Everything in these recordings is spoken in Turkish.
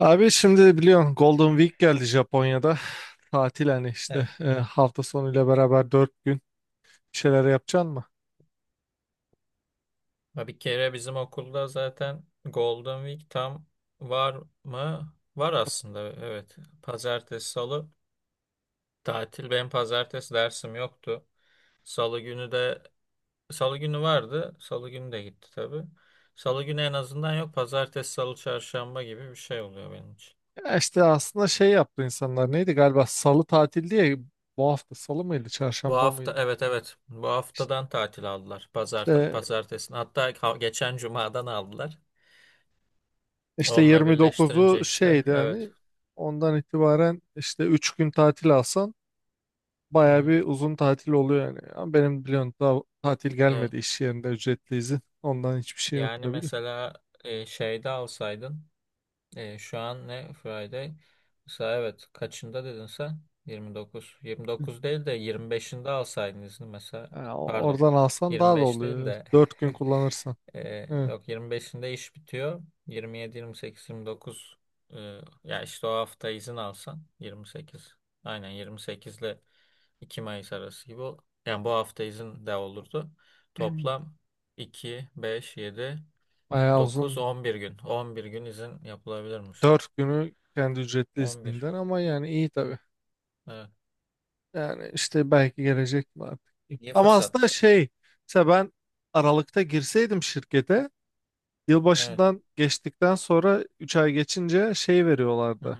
Abi şimdi biliyorsun Golden Week geldi Japonya'da. Tatil hani işte Evet. Hafta sonuyla beraber 4 gün bir şeyler yapacaksın mı? Ha, bir kere bizim okulda zaten Golden Week tam var mı? Var aslında, evet. Pazartesi, salı tatil. Benim pazartesi dersim yoktu. Salı günü de Salı günü vardı. Salı günü de gitti tabii. Salı günü en azından yok. Pazartesi, salı, çarşamba gibi bir şey oluyor benim için. Ya işte aslında şey yaptı insanlar neydi galiba salı tatil diye bu hafta salı mıydı Bu çarşamba hafta, mıydı? evet, evet. Bu haftadan tatil aldılar. İşte, Pazartesi. Hatta geçen cumadan aldılar. işte, Onunla birleştirince 29'u işte, şeydi evet. hani ondan itibaren işte 3 gün tatil alsan Hı baya hı. bir uzun tatil oluyor yani. Ama benim biliyorsun daha tatil Evet. gelmedi iş yerinde ücretli izin ondan hiçbir şey yok Yani tabii de. mesela, şeyde alsaydın, şu an ne Friday? Mesela, evet, kaçında dedin sen? 29. 29 değil de 25'inde alsaydın izni mesela. E, o- Pardon. oradan alsan daha da 25 değil oluyor. de, 4 gün kullanırsan. Evet. yok, 25'inde iş bitiyor. 27, 28, 29, e, ya işte o hafta izin alsan 28. Aynen 28'le 2 Mayıs arası gibi yani bu hafta izin de olurdu. Hmm. Toplam iki, beş, yedi, Bayağı dokuz, uzun. 11 gün. 11 gün izin yapılabilirmiş. 4 günü kendi ücretli 11. izninden ama yani iyi tabii. Evet. Yani işte belki gelecek mi artık. İyi Ama fırsat. aslında şey, mesela ben Aralık'ta girseydim şirkete, Evet. yılbaşından geçtikten sonra 3 ay geçince şey Hı hı. veriyorlardı.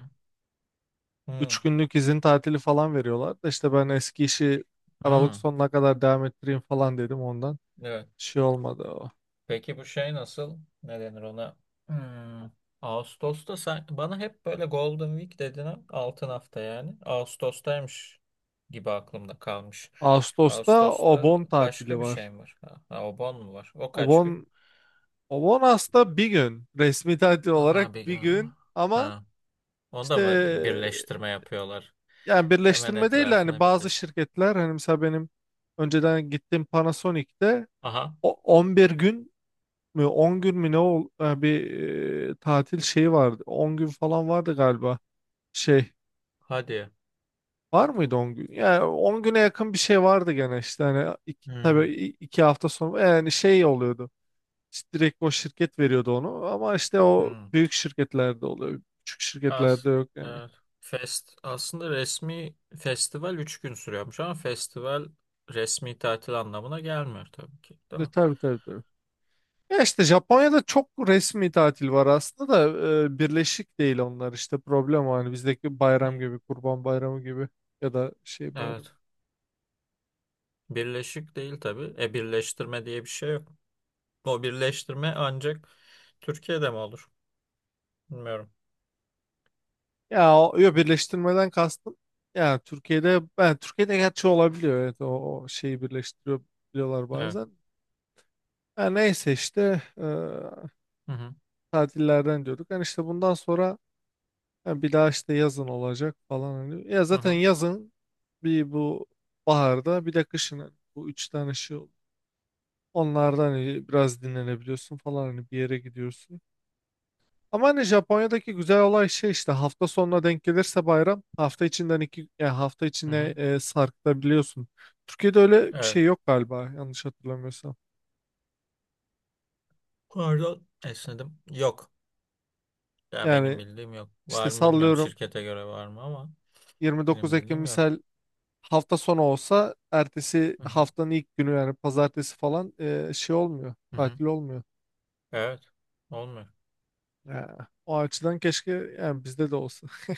3 Hı. günlük izin tatili falan veriyorlardı. İşte ben eski işi Aralık Hı. sonuna kadar devam ettireyim falan dedim ondan. Evet. Şey olmadı o. Peki bu şey nasıl? Ne denir ona? Hmm. Ağustos'ta sen, bana hep böyle Golden Week dedin ha, altın hafta yani. Ağustos'taymış gibi aklımda kalmış. Ağustos'ta o Ağustos'ta bon tatili başka bir var. şey mi var? Ha, ha, o bon mu var? O kaç gün? Obon, Obon aslında bir gün resmi tatil olarak Aha, bir, bir gün ama ha. Onda işte mı birleştirme yapıyorlar? yani Hemen birleştirme değil de hani etrafına bazı birleştirme. şirketler hani mesela benim önceden gittiğim Panasonic'te Aha. 11 gün mü 10 gün mü bir tatil şeyi vardı 10 gün falan vardı galiba şey Hadi. var mıydı 10 gün yani 10 güne yakın bir şey vardı gene işte hani iki, tabii Hmm. 2 hafta sonra yani şey oluyordu. İşte direkt o şirket veriyordu onu ama işte o Hmm. büyük şirketlerde oluyor. Küçük As şirketlerde yok yani. evet. Aslında resmi festival 3 gün sürüyormuş, ama festival resmi tatil anlamına gelmiyor tabii ki, değil E, mi? tabii tabii tabii. Ya işte Japonya'da çok resmi tatil var aslında da birleşik değil onlar işte problem o hani bizdeki bayram Hmm. gibi Kurban Bayramı gibi ya da şey bayramı. Evet. Birleşik değil tabii. E, birleştirme diye bir şey yok. O birleştirme ancak Türkiye'de mi olur? Bilmiyorum. Ya o yo, birleştirmeden kastım. Ya Türkiye'de ben Türkiye'de gerçi olabiliyor evet o şeyi birleştiriyor biliyorlar Evet. bazen. Ya neyse işte Hı hı. tatillerden diyorduk. Yani işte bundan sonra ha, bir daha işte yazın olacak falan, hani. Ya Hı zaten hı. yazın bir bu baharda bir de kışın hani bu 3 tane şey oldu. Onlardan hani biraz dinlenebiliyorsun falan hani bir yere gidiyorsun. Ama hani Japonya'daki güzel olay şey işte hafta sonuna denk gelirse bayram hafta içinden iki yani hafta Hı içine hı. Sarkıtabiliyorsun. Türkiye'de öyle bir Evet. şey yok galiba yanlış hatırlamıyorsam. Pardon, esnedim. Yok. Ya benim Yani bildiğim yok. işte Var mı, bilmiyorum. sallıyorum Şirkete göre var mı, ama benim 29 Ekim bildiğim yok. misal hafta sonu olsa ertesi Hı hı. haftanın ilk günü yani pazartesi falan şey olmuyor. Hı hı. Tatil olmuyor. Evet. Olmuyor. Ya, o açıdan keşke yani bizde de olsa.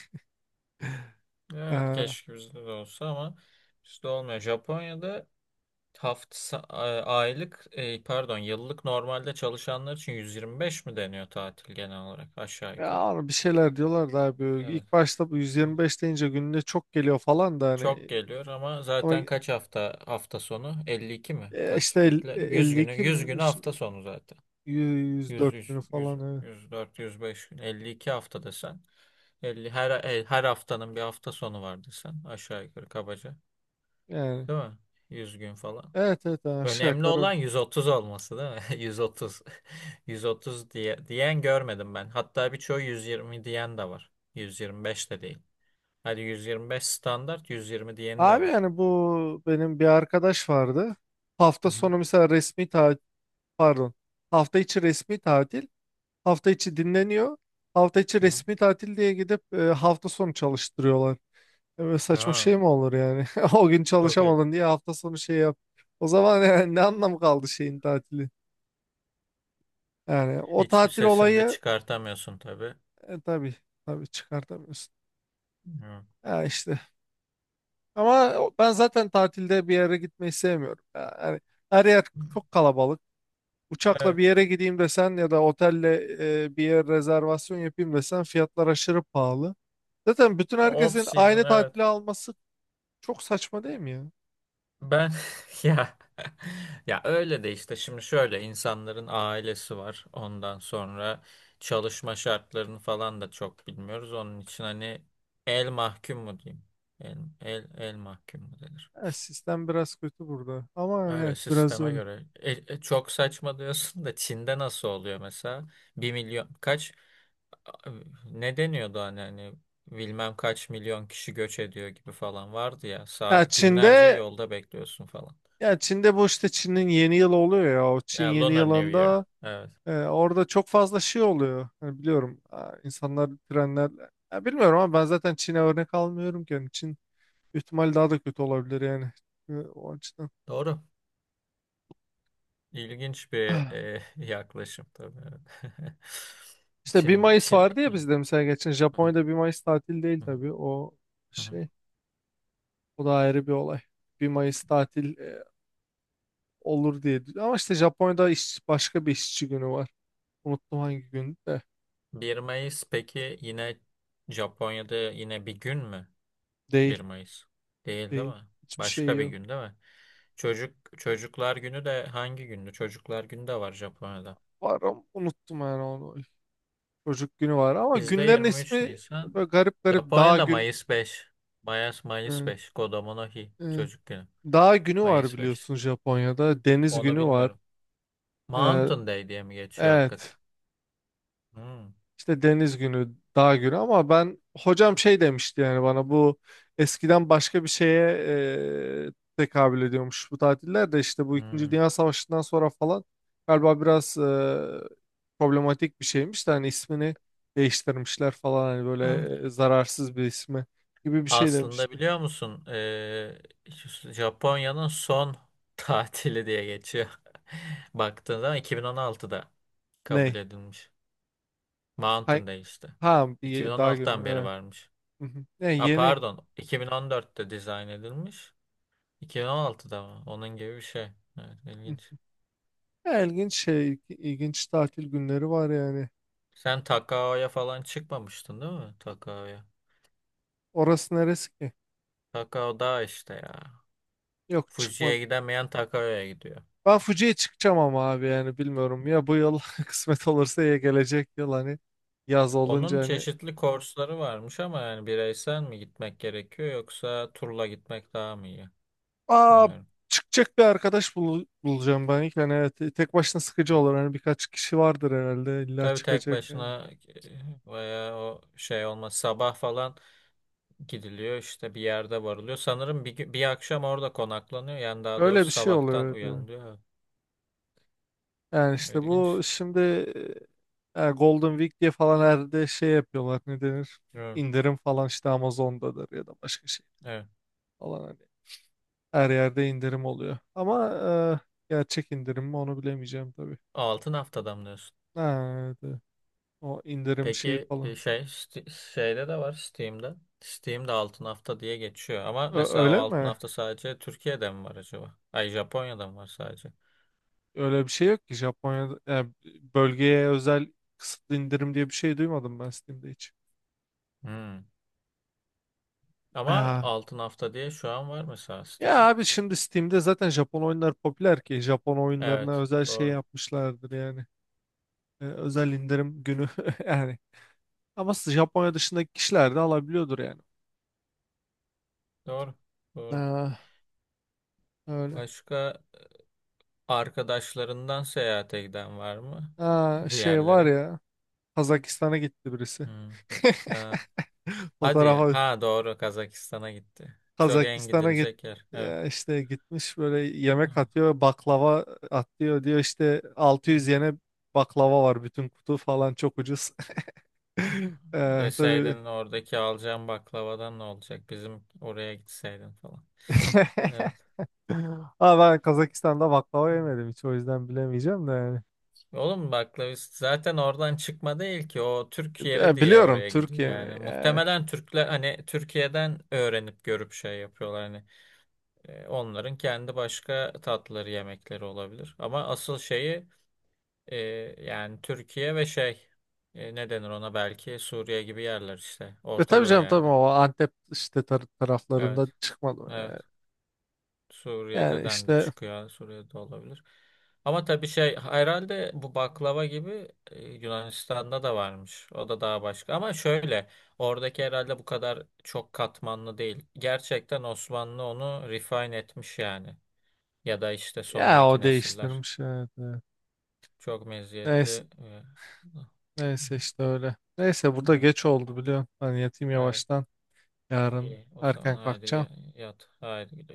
Evet, Ee, keşke bizde de olsa, ama bizde olmuyor. Japonya'da hafta aylık, pardon, yıllık normalde çalışanlar için 125 mi deniyor tatil, genel olarak aşağı Ya yukarı. abi bir şeyler diyorlar da abi Evet. ilk başta bu 125 deyince gününe çok geliyor falan da Çok hani geliyor, ama ama zaten kaç hafta sonu? 52 mi? Kaç işte bekle? 100 günü 52 mi? 100 Öyle günü şey, hafta sonu zaten. 100, 104 100, günü 100, falan evet. 104, 105, 52 hafta desen. 50, her haftanın bir hafta sonu var desen. Aşağı yukarı, kabaca. Yani Değil mi? 100 gün falan. evet evet yani aşağı Önemli yukarı. olan 130 olması değil mi? 130. 130 diyen görmedim ben. Hatta birçoğu 120 diyen de var. 125 de değil. Hadi 125 standart, 120 diyeni de Abi var. yani bu benim bir arkadaş vardı. Hafta Hı hı. sonu mesela resmi tatil. Pardon. Hafta içi resmi tatil. Hafta içi dinleniyor. Hafta içi Hı hı. resmi tatil diye gidip hafta sonu çalıştırıyorlar. Böyle saçma Ha, şey mi olur yani? O gün çok iyi. çalışamadın diye hafta sonu şey yap. O zaman yani ne anlamı kaldı şeyin tatili? Yani o Hiçbir tatil sesini de olayı çıkartamıyorsun tabii. Tabii tabii çıkartamıyorsun. Hı. Ya işte. Ama ben zaten tatilde bir yere gitmeyi sevmiyorum. Ya yani her yer çok kalabalık. Uçakla Evet. bir yere gideyim desen ya da otelle bir yer rezervasyon yapayım desen fiyatlar aşırı pahalı. Zaten bütün Off herkesin season, aynı evet. tatili alması çok saçma değil mi ya? Ben ya, ya öyle de işte, şimdi şöyle, insanların ailesi var. Ondan sonra çalışma şartlarını falan da çok bilmiyoruz. Onun için hani, el mahkum mu diyeyim? El mahkum mu denir? Evet, sistem biraz kötü burada. Ama yani Öyle, evet biraz sisteme öyle. göre. Çok saçma diyorsun da Çin'de nasıl oluyor mesela? Bir milyon kaç a- ne deniyordu, hani, bilmem kaç milyon kişi göç ediyor gibi falan vardı ya. Ya Günlerce Çin'de yolda bekliyorsun falan. ya Çin'de bu işte Çin'in yeni yılı oluyor ya. O Çin Yani yeni Lunar New Year. yılında Evet. Orada çok fazla şey oluyor. Hani biliyorum insanlar trenler ya bilmiyorum ama ben zaten Çin'e örnek almıyorum ki. Yani Çin ihtimal daha da kötü olabilir yani. O açıdan. Doğru. İlginç bir yaklaşım tabii. Evet. İşte bir Çin, Mayıs Çin... vardı ya bizde mesela, geçen Hı hı, Japonya'da 1 Mayıs tatil değil hı hı, tabii, o hı hı. şey, o da ayrı bir olay. 1 Mayıs tatil olur diye ama işte Japonya'da başka bir işçi günü var. Unuttum hangi gün de 1 Mayıs peki yine Japonya'da yine bir gün mü? 1 değil, Mayıs. Değil, değil değil, mi? hiçbir şey Başka bir yok. gün değil mi? Çocuklar Günü de hangi gündü? Çocuklar Günü de var Japonya'da. Var ama unuttum yani onu. Çocuk günü var ama Bizde günlerin 23 ismi Nisan. böyle garip garip dağ Japonya'da gün. Mayıs 5. Mayıs e, 5. Kodomo no Hi. e, Çocuk Günü. Dağ günü var Mayıs 5. biliyorsun Japonya'da, deniz Onu günü var. bilmiyorum. E, Mountain Day diye mi geçiyor evet. hakikaten? Hmm, İşte deniz günü, dağ günü ama ben hocam şey demişti yani bana, bu eskiden başka bir şeye tekabül ediyormuş bu tatiller de, işte bu İkinci hmm. Dünya Savaşı'ndan sonra falan galiba biraz problematik bir şeymiş de hani ismini değiştirmişler falan hani böyle Evet. Zararsız bir ismi gibi bir şey Aslında demişti. biliyor musun, Japonya'nın son tatili diye geçiyor. Baktığın zaman 2016'da kabul Ney? edilmiş. Hay, Mountain Day işte. ha, bir dağ günü. 2016'dan beri Evet. varmış. Hı hı. Yani Ha, yeni. pardon, 2014'te dizayn edilmiş. 2016'da mı? Onun gibi bir şey. Evet, Hı. ilginç. Ya ilginç şey, ilginç tatil günleri var yani. Sen Takao'ya falan çıkmamıştın değil mi? Takao'ya. Orası neresi ki? Takao dağ işte ya. Yok, Fuji'ye çıkmadı. gidemeyen Takao'ya gidiyor. Ben Fuji'ye çıkacağım ama abi yani bilmiyorum ya, bu yıl kısmet olursa ya gelecek yıl hani yaz olunca Onun hani çeşitli kursları varmış, ama yani bireysel mi gitmek gerekiyor, yoksa turla gitmek daha mı iyi? aa Bilmiyorum. çıkacak bir arkadaş bulacağım ben ilk hani, evet, tek başına sıkıcı olur, hani birkaç kişi vardır herhalde illa Tabii tek çıkacak yani. başına, veya o şey olmaz. Sabah falan gidiliyor işte, bir yerde varılıyor. Sanırım bir akşam orada konaklanıyor. Yani daha Öyle doğrusu bir şey oluyor, sabahtan evet. Evet. uyanılıyor. Yani işte bu İlginç. şimdi Golden Week diye falan herhalde şey yapıyorlar, ne denir, Evet. indirim falan, işte Amazon'dadır ya da başka şey Evet. falan hani her yerde indirim oluyor ama gerçek indirim mi onu bilemeyeceğim tabii. Altın haftada mı diyorsun? Nerede? O indirim şeyi Peki, falan. şey, şeyde de var, Steam'de. Steam'de altın hafta diye geçiyor, ama mesela o Öyle altın mi? hafta sadece Türkiye'de mi var acaba? Ay, Japonya'da mı var sadece? Öyle bir şey yok ki Japonya'da. Yani bölgeye özel kısıtlı indirim diye bir şey duymadım ben Steam'de hiç. Hmm. Ama Aa. altın hafta diye şu an var mesela sitede. Ya abi şimdi Steam'de zaten Japon oyunlar popüler ki. Japon oyunlarına Evet, özel şey doğru. yapmışlardır yani. Özel indirim günü yani. Ama Japonya dışındaki kişiler de alabiliyordur yani. Doğru. Doğru. Aa, öyle. Başka arkadaşlarından seyahate giden var mı Aa, bir şey var yerlere? ya. Kazakistan'a gitti birisi. Hmm. Ha, hadi. Fotoğrafa Ha doğru, Kazakistan'a gitti. Çok en Kazakistan'a git, gidilecek yer. Evet. ya işte gitmiş böyle, yemek atıyor, baklava atıyor diyor, işte 600 Evet. yene baklava var bütün kutu falan, çok ucuz. Hı. Tabii. Deseydin, oradaki alacağım baklavadan ne olacak? Bizim oraya gitseydin falan. Evet. Ama ben Kazakistan'da baklava yemedim hiç, o yüzden bilemeyeceğim de yani. Oğlum, baklavist zaten oradan çıkma değil ki. O Türk yeri Ya diye biliyorum, oraya gidiyor Türkiye mi? yani. Ya. Muhtemelen Türkler, hani, Türkiye'den öğrenip görüp şey yapıyorlar. Hani, onların kendi başka tatları, yemekleri olabilir. Ama asıl şeyi, e, yani Türkiye ve şey, ne denir ona, belki Suriye gibi yerler işte. E Orta tabii Doğu canım yani. tabii, o Antep işte taraflarında Evet. çıkmadım. Yani. Evet. Yani Suriye'den de işte, çıkıyor. Suriye'de olabilir. Ama tabii şey, herhalde bu baklava gibi, Yunanistan'da da varmış. O da daha başka. Ama şöyle, oradaki herhalde bu kadar çok katmanlı değil. Gerçekten Osmanlı onu refine etmiş yani. Ya da işte ya sonraki o nesiller. değiştirmiş, evet, evet. Çok Neyse. meziyetli. Neyse işte öyle. Neyse burada Evet. geç oldu biliyorsun. Ben yatayım Evet. yavaştan. Yarın İyi. O zaman erken haydi kalkacağım. Yat. Haydi.